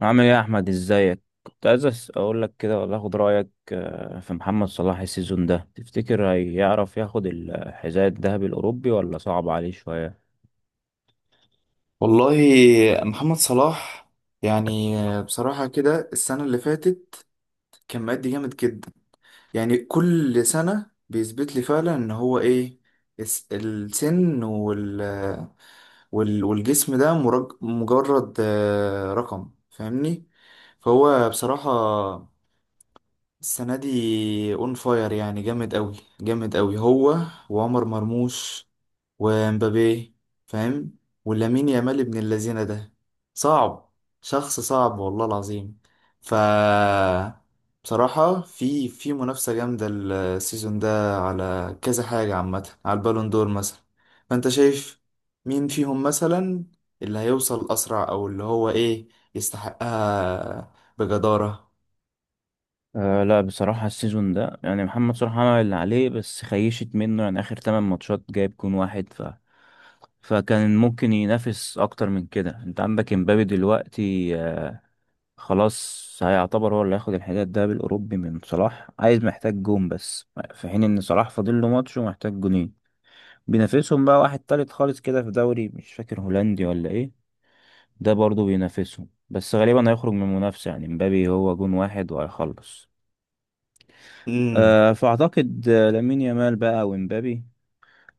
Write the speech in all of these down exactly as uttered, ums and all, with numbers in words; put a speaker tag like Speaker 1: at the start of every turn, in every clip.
Speaker 1: عامل ايه يا احمد؟ ازيك؟ كنت عايز أس- اقول لك كده، ولا اخد رايك. آه، في محمد صلاح السيزون ده، تفتكر هيعرف ياخد الحذاء الذهبي الاوروبي ولا صعب عليه شويه؟
Speaker 2: والله. محمد صلاح، يعني بصراحة كده السنة اللي فاتت كان مأدي جامد جدا. يعني كل سنة بيثبت لي فعلا ان هو ايه، الس- السن وال وال- والجسم ده مرج- مجرد آه، رقم، فاهمني؟ فهو بصراحة السنة دي اون فاير، يعني جامد قوي جامد قوي هو، وعمر مرموش، ومبابي، فاهم؟ ولامين يامال ابن اللذينة ده صعب، شخص صعب والله العظيم. ف بصراحة في في منافسة جامدة السيزون ده على كذا حاجة، عامة على البالون دور مثلا. فانت شايف مين فيهم مثلا اللي هيوصل أسرع، أو اللي هو إيه، يستحقها بجدارة؟
Speaker 1: أه لا، بصراحه السيزون ده يعني محمد صلاح عمل اللي عليه، بس خيشت منه. يعني اخر 8 ماتشات جايب جون واحد، ف فكان ممكن ينافس اكتر من كده. انت عندك امبابي دلوقتي، آه، خلاص هيعتبر هو اللي هياخد الحذاء الذهبي الاوروبي من صلاح، عايز محتاج جون بس، في حين ان صلاح فاضل له ماتش ومحتاج جونين. بينافسهم بقى واحد تالت خالص كده في دوري مش فاكر هولندي ولا ايه. ده برضو بينافسهم، بس غالبا هيخرج من المنافسة. يعني مبابي هو جون واحد وهيخلص. أه فأعتقد آه، لامين يامال بقى ومبابي،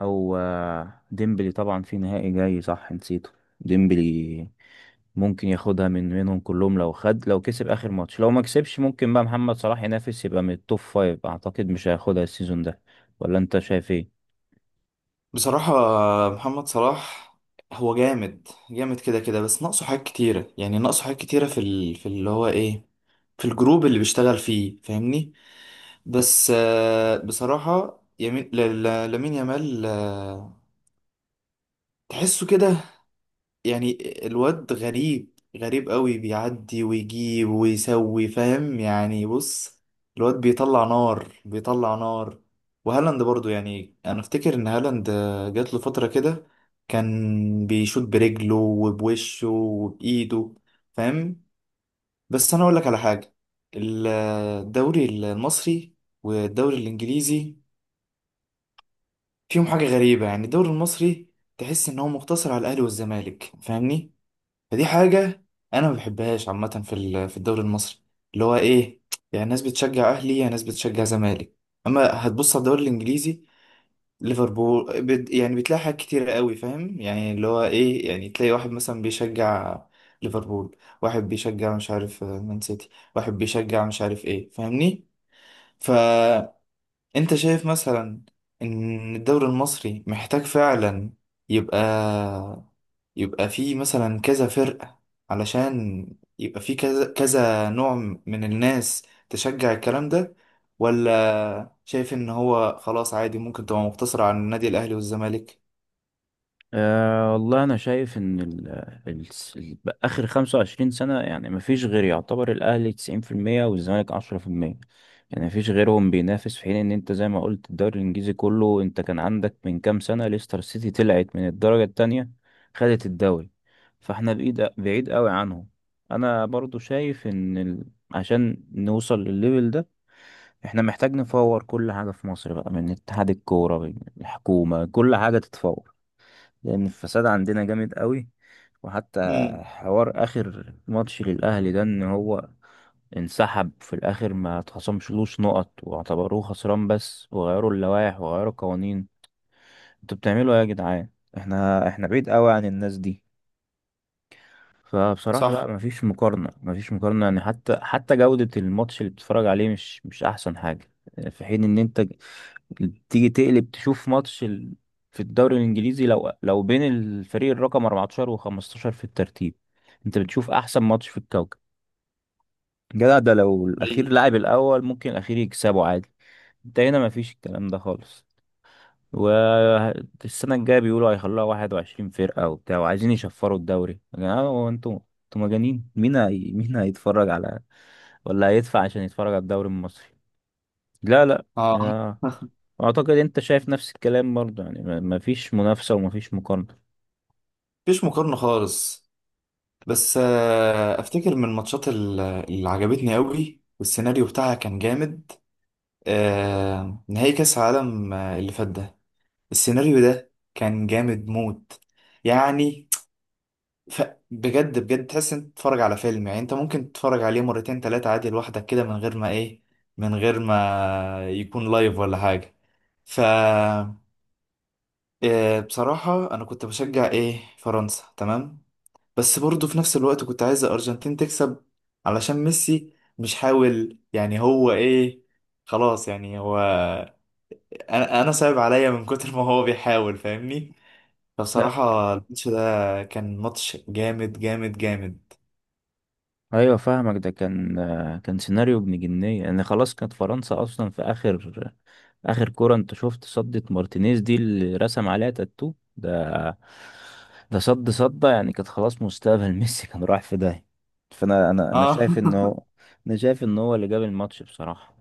Speaker 1: أو آه، ديمبلي، طبعا في نهائي جاي صح، نسيته ديمبلي. ممكن ياخدها من منهم كلهم، لو خد، لو كسب آخر ماتش. لو ما كسبش ممكن بقى محمد صلاح ينافس، يبقى من التوب فايف. أعتقد مش هياخدها السيزون ده، ولا أنت شايف ايه؟
Speaker 2: بصراحة محمد صلاح هو جامد جامد كده كده، بس ناقصه حاجات كتيرة. يعني ناقصه حاجات كتيرة في ال... في اللي هو ايه، في الجروب اللي بيشتغل فيه، فاهمني؟ بس آه، بصراحة يمين ل... ل... لامين يامال، آه، تحسه كده، يعني الواد غريب غريب قوي، بيعدي ويجيب ويسوي، فاهم يعني؟ بص، الواد بيطلع نار بيطلع نار. وهالاند برضو، يعني انا افتكر ان هالاند جات له فترة كده كان بيشوط برجله وبوشه وبايده، فاهم؟ بس انا اقول لك على حاجة. الدوري المصري والدوري الانجليزي فيهم حاجة غريبة. يعني الدوري المصري تحس ان هو مقتصر على الاهلي والزمالك، فاهمني؟ فدي حاجة أنا ما بحبهاش عامة في ال- في الدوري المصري، اللي هو إيه، يعني ناس بتشجع أهلي، يعني ناس بتشجع زمالك. أما هتبص على الدوري الإنجليزي، ليفربول، بت- يعني بتلاقي حاجات كتيرة قوي، فاهم يعني؟ اللي هو إيه، يعني تلاقي واحد مثلا بيشجع ليفربول، واحد بيشجع مش عارف آه، مان سيتي، واحد بيشجع مش عارف إيه، فاهمني؟ فأنت شايف مثلا إن الدوري المصري محتاج فعلا يبقى يبقى في مثلا كذا فرقة، علشان يبقى في كذا كذا نوع من الناس تشجع الكلام ده؟ ولا شايف ان هو خلاص عادي ممكن تبقى مقتصرة على النادي الاهلي والزمالك؟
Speaker 1: أه والله أنا شايف إن ال ال ال آخر خمسة وعشرين سنة يعني مفيش غير، يعتبر الأهلي تسعين في المية والزمالك عشرة في المية، يعني مفيش غيرهم بينافس. في حين إن أنت زي ما قلت، الدوري الإنجليزي كله، أنت كان عندك من كام سنة ليستر سيتي طلعت من الدرجة التانية خدت الدوري. فاحنا بعيد بعيد قوي عنهم. أنا برضو شايف إن ال عشان نوصل للليفل ده، احنا محتاج نفور كل حاجة في مصر بقى، من اتحاد الكورة، من الحكومة، كل حاجة تتفور، لأن الفساد عندنا جامد قوي. وحتى
Speaker 2: امم.
Speaker 1: حوار آخر ماتش للأهلي ده، إن هو انسحب في الآخر، ما اتخصمشلوش نقط واعتبروه خسران بس، وغيروا اللوائح وغيروا القوانين. انتوا بتعملوا ايه يا جدعان؟ احنا احنا بعيد قوي عن الناس دي. فبصراحة لا،
Speaker 2: صح.
Speaker 1: مفيش مقارنة، مفيش مقارنة. يعني حتى حتى جودة الماتش اللي بتتفرج عليه مش مش أحسن حاجة. في حين إن أنت تيجي تقلب تشوف ماتش ال... في الدوري الانجليزي، لو لو بين الفريق الرقم أربعتاشر وخمستاشر في الترتيب، انت بتشوف احسن ماتش في الكوكب. جدع ده لو الاخير
Speaker 2: حقيقي.
Speaker 1: لعب الاول ممكن الاخير يكسبه عادي. انت هنا مفيش الكلام ده خالص. والسنة الجاية بيقولوا هيخلوها 21 فرقة وبتاع، وعايزين يشفروا الدوري. يا جماعة هو انتوا انتوا مجانين؟ مين هي... مين هيتفرج على، ولا هيدفع عشان يتفرج على الدوري المصري؟ لا لا.
Speaker 2: اه.
Speaker 1: يا- اعتقد انت شايف نفس الكلام برضه. يعني ما ما فيش منافسة وما فيش مقارنة.
Speaker 2: مفيش مقارنة خالص. بس آه، افتكر من الماتشات ال- اللي عجبتني قوي، والسيناريو بتاعها كان جامد، آه، نهائي كاس العالم آه، اللي فات ده. السيناريو ده كان جامد موت. يعني ف... بجد بجد تحس انت بتتفرج على فيلم. يعني انت ممكن تتفرج عليه مرتين تلاتة عادي لوحدك كده من غير ما ايه، من غير ما يكون لايف ولا حاجة. ف آه، بصراحة انا كنت بشجع ايه، فرنسا، تمام. بس برضه في نفس الوقت كنت عايز الارجنتين تكسب، علشان ميسي مش حاول، يعني هو ايه، خلاص، يعني هو انا انا صعب عليا من كتر ما هو بيحاول، فاهمني؟
Speaker 1: لا
Speaker 2: فبصراحة الماتش ده كان ماتش جامد جامد جامد.
Speaker 1: ايوه فاهمك، ده كان آه، كان سيناريو ابن جنيه. يعني خلاص كانت فرنسا اصلا في اخر اخر كرة، انت شفت صدة مارتينيز دي اللي رسم عليها تاتو ده. ده صد صدة، يعني كانت خلاص مستقبل ميسي كان رايح في داهية. فانا انا انا
Speaker 2: اه.
Speaker 1: شايف انه، انا شايف ان هو اللي جاب الماتش بصراحة.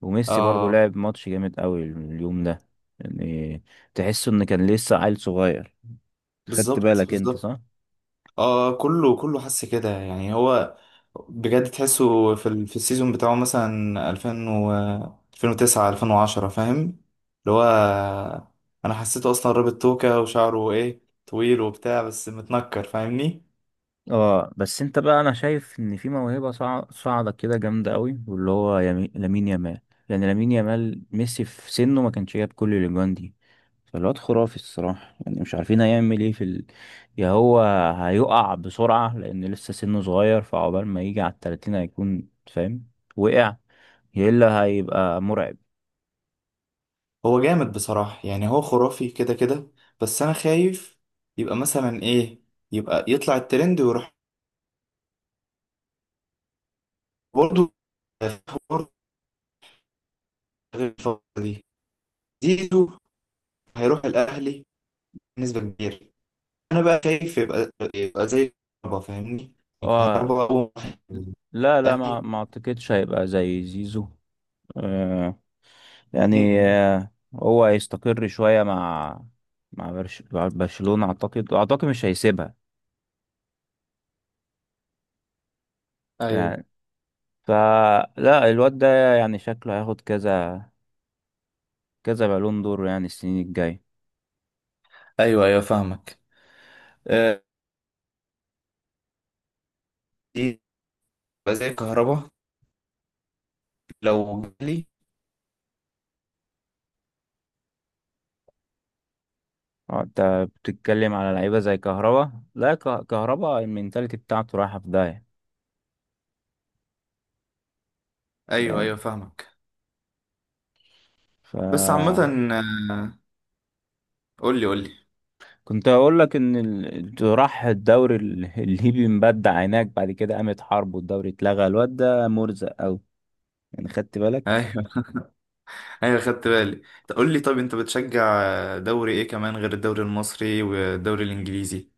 Speaker 1: وميسي برضو
Speaker 2: اه،
Speaker 1: لعب ماتش جامد قوي اليوم ده. يعني تحسه ان كان لسه عيل صغير. خدت
Speaker 2: بالظبط
Speaker 1: بالك انت؟
Speaker 2: بالظبط.
Speaker 1: صح.
Speaker 2: اه، كله كله حس كده، يعني هو بجد تحسه في ال... في السيزون بتاعه مثلا ألفين و ألفين وتسعة ألفين وعشرة، فاهم؟ اللي هو انا حسيته اصلا رابط توكة وشعره ايه طويل وبتاع، بس متنكر، فاهمني؟
Speaker 1: اه، بس انت بقى انا شايف ان في موهبه صاع- صاعده كده جامده قوي، واللي هو يمي... لامين يامال. يعني لامين يامال، ميسي في سنه ما كانش جاب كل الاجوان دي. فالواد خرافي الصراحه. يعني مش عارفين هيعمل ايه في ال... يا هو هيقع بسرعه لان لسه سنه صغير، فعقبال ما يجي على التلاتين هيكون فاهم وقع، يا الا هيبقى مرعب.
Speaker 2: هو جامد بصراحة، يعني هو خرافي كده كده. بس انا خايف يبقى مثلا ايه، يبقى يطلع الترند ويروح. برضه برضه، غير الفترة دي زيزو هيروح الاهلي بنسبة كبيرة. أنا بقى شايف يبقى يبقى زي الكهرباء، فاهمني؟
Speaker 1: اه،
Speaker 2: الكهرباء أول واحد.
Speaker 1: لا لا، ما
Speaker 2: أهلي.
Speaker 1: ما اعتقدش هيبقى زي زيزو. آه يعني
Speaker 2: مم.
Speaker 1: آه هو هيستقر شوية، مع مع برش- مع برشلونة، اعتقد اعتقد مش هيسيبها.
Speaker 2: ايوه
Speaker 1: يعني فلا الواد ده يعني شكله هياخد كذا كذا بالون دور يعني، السنين الجاية.
Speaker 2: ايوه ايوه، فاهمك. آه، دي تبقى زي الكهرباء لو جالي.
Speaker 1: آه، انت بتتكلم على لعيبة زي كهربا؟ لا، ك- كهربا المينتاليتي بتاعته رايحة في داهية.
Speaker 2: ايوه
Speaker 1: يعني
Speaker 2: ايوه، فاهمك.
Speaker 1: ف
Speaker 2: بس عامة آه، قول لي قول لي.
Speaker 1: كنت اقول لك ان ال- راح الدوري ال- الليبي، مبدع هناك. بعد كده قامت حرب والدوري اتلغى. الواد ده مرزق قوي يعني، خدت بالك؟
Speaker 2: ايوه ايوه، خدت بالي. طب قول لي، طب انت بتشجع دوري ايه كمان غير الدوري المصري والدوري الانجليزي؟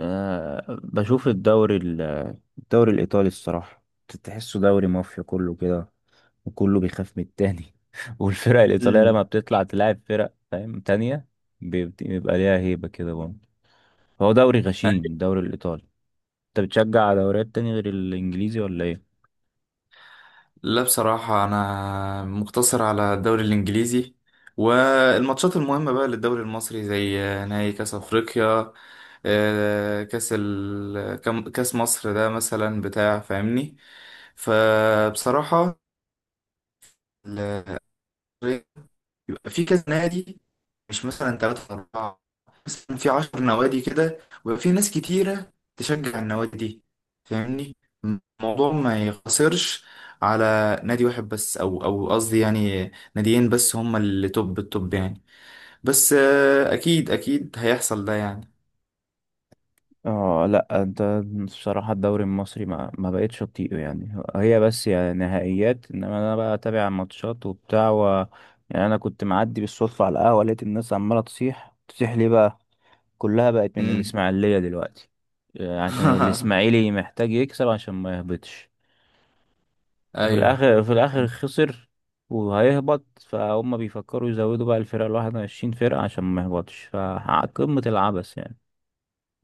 Speaker 1: آه، بشوف الدوري ال- الدوري الايطالي الصراحه. تحسه دوري مافيا كله كده، وكله بيخاف من التاني والفرق الايطاليه لما
Speaker 2: مم.
Speaker 1: بتطلع تلاعب فرق فاهم تانية، بيبت- بيبقى ليها هيبه كده برضه. هو دوري غشيم الدوري الايطالي. انت بتشجع دوريات تاني غير الانجليزي ولا ايه؟
Speaker 2: لا بصراحة أنا مقتصر على الدوري الإنجليزي، والماتشات المهمة بقى للدوري المصري زي نهائي كأس أفريقيا، آه، كأس ال... كم- كأس مصر ده مثلا بتاع، فاهمني؟ فبصراحة يبقى في كذا نادي، مش مثلا ثلاثة أربعة، مثلا في عشر نوادي كده، ويبقى في ناس كتيرة تشجع النوادي دي، فاهمني؟ الموضوع ما يقتصرش على نادي واحد بس، أو أو قصدي يعني ناديين بس هما اللي توب التوب، يعني بس آه، أكيد أكيد هيحصل ده يعني.
Speaker 1: اه لا انت، بصراحة الدوري المصري ما ما بقتش اطيقه. يعني هي بس يعني نهائيات، انما انا بقى اتابع ماتشات وبتاع و... يعني انا كنت معدي بالصدفة على القهوة، لقيت الناس عمالة تصيح، تصيح ليه بقى؟ كلها بقت من
Speaker 2: امم.
Speaker 1: الاسماعيلية دلوقتي، آه، عشان الاسماعيلي محتاج يكسب عشان ما يهبطش. وفي
Speaker 2: أيوه.
Speaker 1: الاخر في الاخر خسر وهيهبط. فهم بيفكروا يزودوا بقى الفرقة الواحد وعشرين فرقة عشان ما يهبطش. فقمة العبث يعني.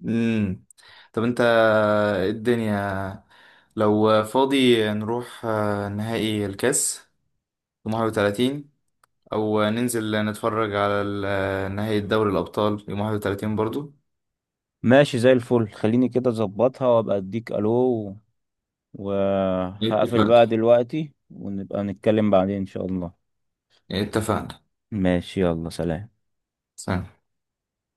Speaker 2: امم. طب أنت إيه الدنيا، لو فاضي نروح آه، نهائي الكاس في الحادي والثلاثين، او ننزل نتفرج على ال- نهائي دوري الابطال يوم واحد وتلاتين برضو؟
Speaker 1: ماشي زي الفل، خليني كده اظبطها وابقى اديك الو و- وهقفل
Speaker 2: اتفقنا
Speaker 1: بقى دلوقتي ونبقى نتكلم بعدين ان شاء الله.
Speaker 2: اتفقنا.
Speaker 1: ماشي، يلا سلام.
Speaker 2: سلام.